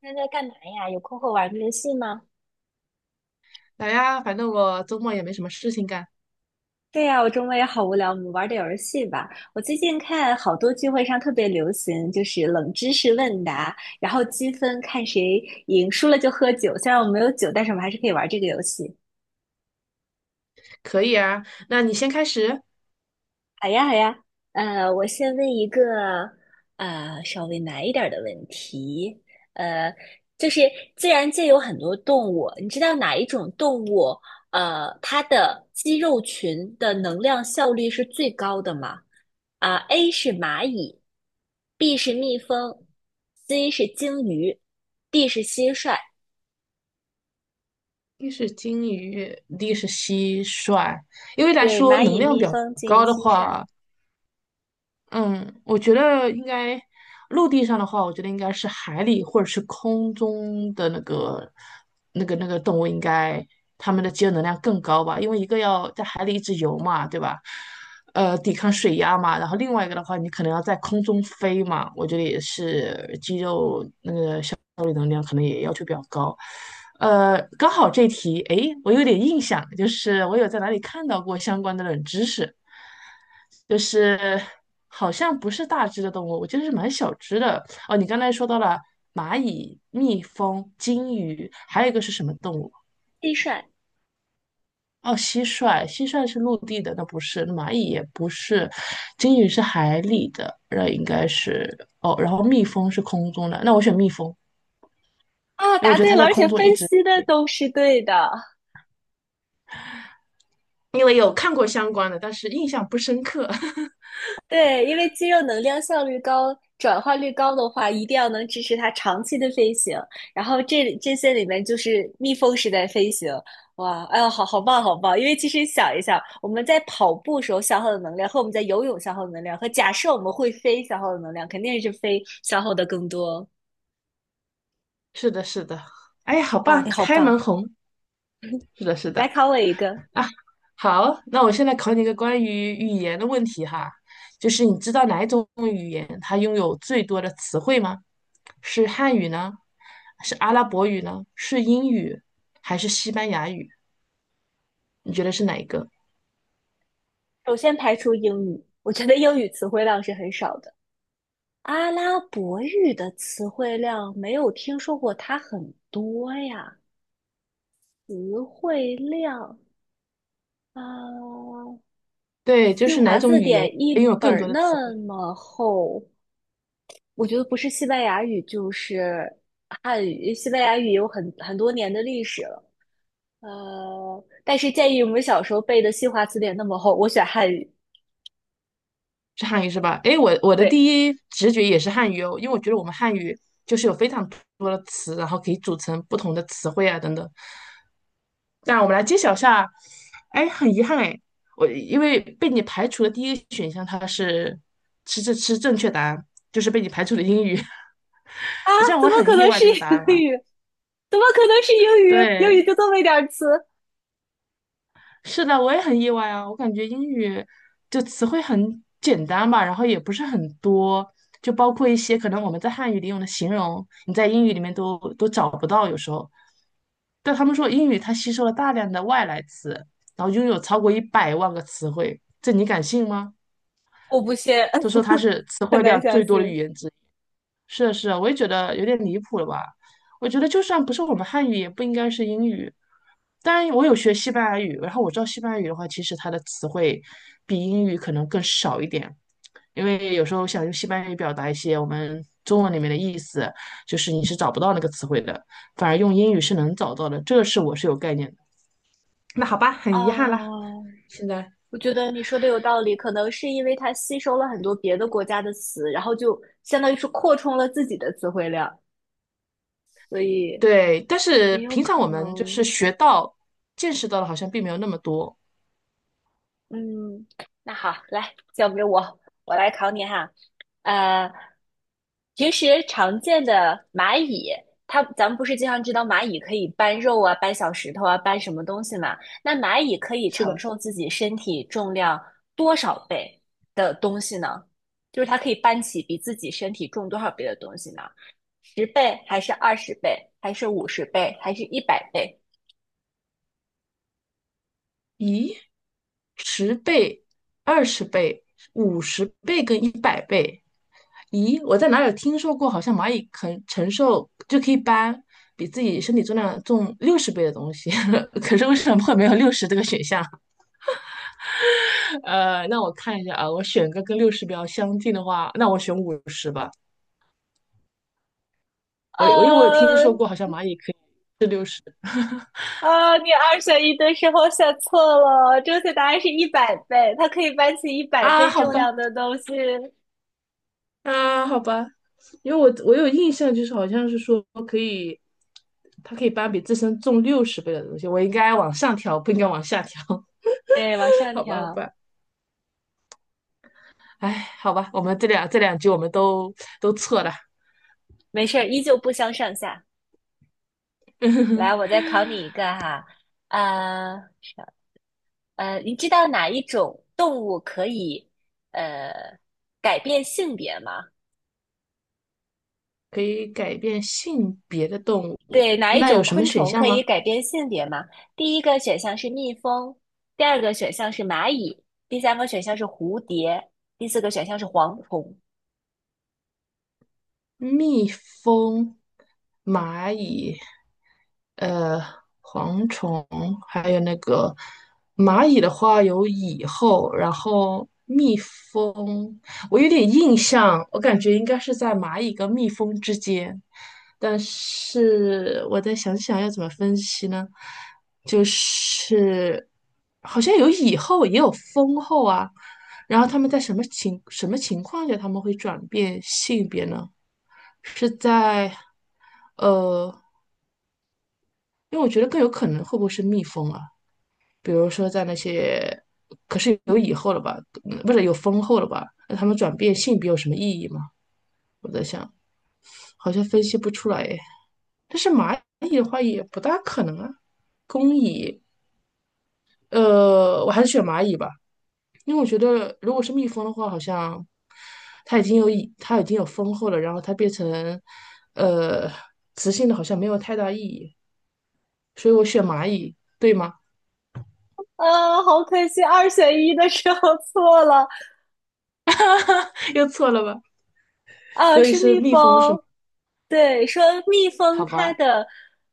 现在在干嘛呀？有空会玩个游戏吗？来呀，反正我周末也没什么事情干，对呀，我周末也好无聊，我们玩点游戏吧。我最近看好多聚会上特别流行，就是冷知识问答，然后积分看谁赢，输了就喝酒。虽然我没有酒，但是我们还是可以玩这个游戏。可以啊。那你先开始。好呀，好呀，我先问一个稍微难一点儿的问题，呃，就是自然界有很多动物，你知道哪一种动物它的肌肉群的能量效率是最高的吗？啊，A 是蚂蚁，B 是蜜蜂，C 是鲸鱼，D 是蟋蟀。一是金鱼，一是蟋蟀。因为来对，说蚂能蚁、量蜜比较蜂、鲸鱼、高的蟋蟀，话，嗯，我觉得应该陆地上的话，我觉得应该是海里或者是空中的那个动物，应该它们的肌肉能量更高吧？因为一个要在海里一直游嘛，对吧？抵抗水压嘛，然后另外一个的话，你可能要在空中飞嘛，我觉得也是肌肉效率能量可能也要求比较高。刚好这题，诶，我有点印象，就是我有在哪里看到过相关的冷知识，就是好像不是大只的动物，我记得是蛮小只的。哦，你刚才说到了蚂蚁、蜜蜂、金鱼，还有一个是什么动物？蟋蟀。哦，蟋蟀，蟋蟀是陆地的，那不是，那蚂蚁也不是，金鱼是海里的，那应该是哦，然后蜜蜂是空中的，那我选蜜蜂，啊，因为我答觉得对它了，在而空且中一分直析的都是对的。因为有看过相关的，但是印象不深刻。对，因为肌肉能量效率高、转化率高的话，一定要能支持它长期的飞行。然后这些里面就是蜜蜂式在飞行，哇，哎呦，好好棒，好棒！因为其实想一想，我们在跑步时候消耗的能量和我们在游泳消耗的能量，和假设我们会飞消耗的能量，肯定是飞消耗的更多。是的，是的，哎，好哇，你棒，好开门棒！红。是的，是来的考我一个，啊，好，那我现在考你一个关于语言的问题哈，就是你知道哪一种语言它拥有最多的词汇吗？是汉语呢？是阿拉伯语呢？是英语还是西班牙语？你觉得是哪一个？首先排除英语，我觉得英语词汇量是很少的。阿拉伯语的词汇量没有听说过它很多呀，词汇量啊，对，就新是哪华种字语言典拥一有本更儿多的词那汇？么厚，我觉得不是西班牙语就是汉语，西班牙语有很多年的历史了，但是建议我们小时候背的新华词典那么厚，我选汉语，是汉语是吧？诶，我的对第一直觉也是汉语哦，因为我觉得我们汉语就是有非常多的词，然后可以组成不同的词汇啊等等。那我们来揭晓一下，哎，很遗憾哎，我因为被你排除的第一个选项它是是这是正确答案，就是被你排除的英语，啊，虽然怎我么很可意能外是这个答案英啊，语？怎么可能是英语？英对，语就这么一点儿词，是的，我也很意外啊！我感觉英语就词汇很简单吧，然后也不是很多，就包括一些可能我们在汉语里用的形容，你在英语里面都找不到，有时候。但他们说英语它吸收了大量的外来词，然后拥有超过100万个词汇，这你敢信吗？我不信。他 说它是词 很汇难量相最多的语信。言之一。是的，是的，我也觉得有点离谱了吧？我觉得就算不是我们汉语，也不应该是英语。当然，我有学西班牙语，然后我知道西班牙语的话，其实它的词汇比英语可能更少一点，因为有时候想用西班牙语表达一些我们中文里面的意思，就是你是找不到那个词汇的，反而用英语是能找到的，这个是我是有概念的。那好吧，很遗憾啦，啊，现在我觉得你说的有道理，可能是因为它吸收了很多别的国家的词，然后就相当于是扩充了自己的词汇量，所以对，但是也有平常可我们就是能。学到、见识到的，好像并没有那么多。嗯，那好，来，交给我，我来考你哈。呃，平时常见的蚂蚁，它咱们不是经常知道蚂蚁可以搬肉啊、搬小石头啊、搬什么东西嘛？那蚂蚁可以是承的。受自己身体重量多少倍的东西呢？就是它可以搬起比自己身体重多少倍的东西呢？十倍，还是二十倍，还是五十倍，还是一百倍？咦，十倍、20倍、50倍跟100倍，咦，我在哪里听说过？好像蚂蚁肯承受就可以搬比自己身体重量重六十倍的东西，可是为什么会没有60这个选项？那我看一下啊，我选个跟六十比较相近的话，那我选五十吧。我因为我有听呃，说过，好像蚂蚁可以是啊，你二选一的时候选错了，正确答案是一百倍，它可以搬起一百啊，倍好重吧。量的东西。啊，好吧，因为我有印象，就是好像是说可以，它可以搬比自身重六十倍的东西，我应该往上调，不应该往下调，对，往 上好吧，好调，吧，哎，好吧，我们这两句我们都错了，没事儿，依旧不相上下。来，我 再考你一个哈，啊，是你知道哪一种动物可以呃改变性别吗？可以改变性别的动物，对，哪一那有种什么昆选虫项可以吗？改变性别吗？第一个选项是蜜蜂，第二个选项是蚂蚁，第三个选项是蝴蝶，第四个选项是蝗虫。蜜蜂、蚂蚁、呃，蝗虫，还有那个蚂蚁的话有蚁后，然后蜜蜂，我有点印象，我感觉应该是在蚂蚁跟蜜蜂之间，但是我再想想要怎么分析呢？就是好像有蚁后，也有蜂后啊，然后他们在什么情况下他们会转变性别呢？是在。呃，因为我觉得更有可能会不会是蜜蜂啊？比如说在那些，可是有蚁后了吧？不是有蜂后了吧？那他们转变性别有什么意义吗？我在想，好像分析不出来诶。但是蚂蚁的话也不大可能啊，工蚁，我还是选蚂蚁吧，因为我觉得如果是蜜蜂的话，好像它已经有蚁，它已经有蜂后了，然后它变成呃雌性的，好像没有太大意义。所以我选蚂蚁，对吗？啊，好可惜，二选一的时候 错了 又错了吧？啊，所以是是蜜蜜蜂是吗？蜂。对，说蜜蜂好它吧，的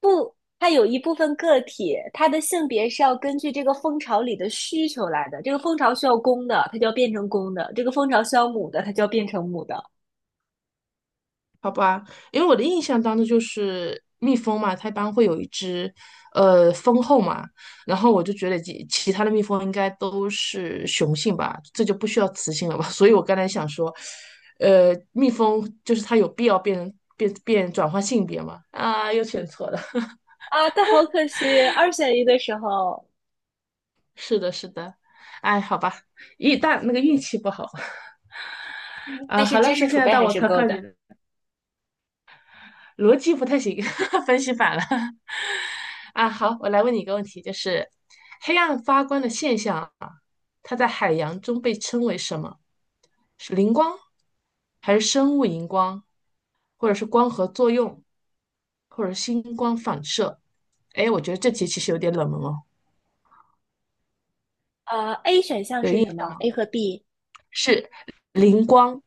不，它有一部分个体，它的性别是要根据这个蜂巢里的需求来的。这个蜂巢需要公的，它就要变成公的；这个蜂巢需要母的，它就要变成母的。好吧，因为我的印象当中就是蜜蜂嘛，它一般会有一只蜂后嘛，然后我就觉得其他的蜜蜂应该都是雄性吧，这就不需要雌性了吧？所以我刚才想说，蜜蜂就是它有必要变变变转换性别吗？啊，又选错了。啊，但好可惜，二选一的时候，是的，是的。哎，好吧，一大那个运气不好 啊。但是好知了，识那现储在备到还我是考够考你的。了。逻辑不太行，分析反了。啊，好，我来问你一个问题，就是黑暗发光的现象啊，它在海洋中被称为什么？是磷光，还是生物荧光，或者是光合作用，或者是星光反射？哎，我觉得这题其实有点冷门哦，啊。A 选项有是印什象么吗？？A 和 B。是磷光，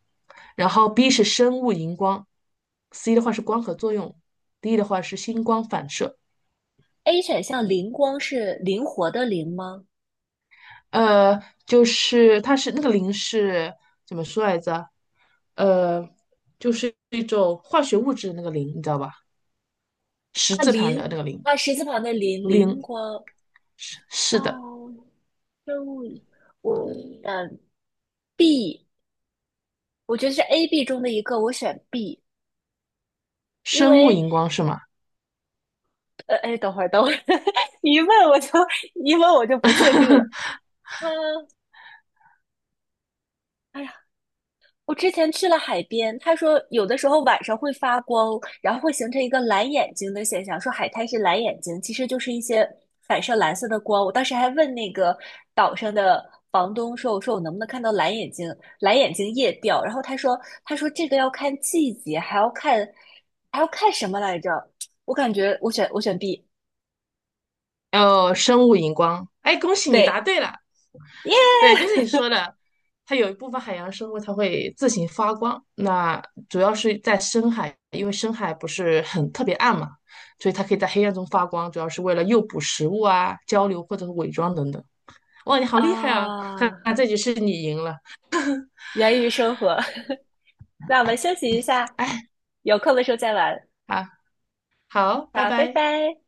然后 B 是生物荧光，C 的话是光合作用，D 的话是星光反射。A 选项灵光是灵活的灵吗？呃，就是它是那个磷是怎么说来着？呃，就是一种化学物质的那个磷，你知道吧？十啊，字盘林的那个磷，啊，十字旁的林，灵磷光，是啊，是的，生物，我B，我觉得是 A、B 中的一个，我选 B，因生物为荧光是吗？哎，等会儿，等会儿，你一问我就不确定了。嗯，哎呀，我之前去了海边，他说有的时候晚上会发光，然后会形成一个蓝眼睛的现象，说海滩是蓝眼睛，其实就是一些反射蓝色的光。我当时还问那个岛上的房东说："我说我能不能看到蓝眼睛？蓝眼睛夜钓？"然后他说："他说这个要看季节，还要看什么来着？"我感觉我选 B，哦，生物荧光，哎，恭喜你答对，对了。耶对，就是你说的，它有一部分海洋生物它会自行发光，那主要是在深海，因为深海不是很特别暗嘛，所以它可以在黑暗中发光，主要是为了诱捕食物啊、交流或者是伪装等等。哇，你好厉害啊！哈哈，啊，这局是你赢了。源于生活。那我们休息一下，哎，有空的时候再玩。好，好，拜好，拜拜。拜。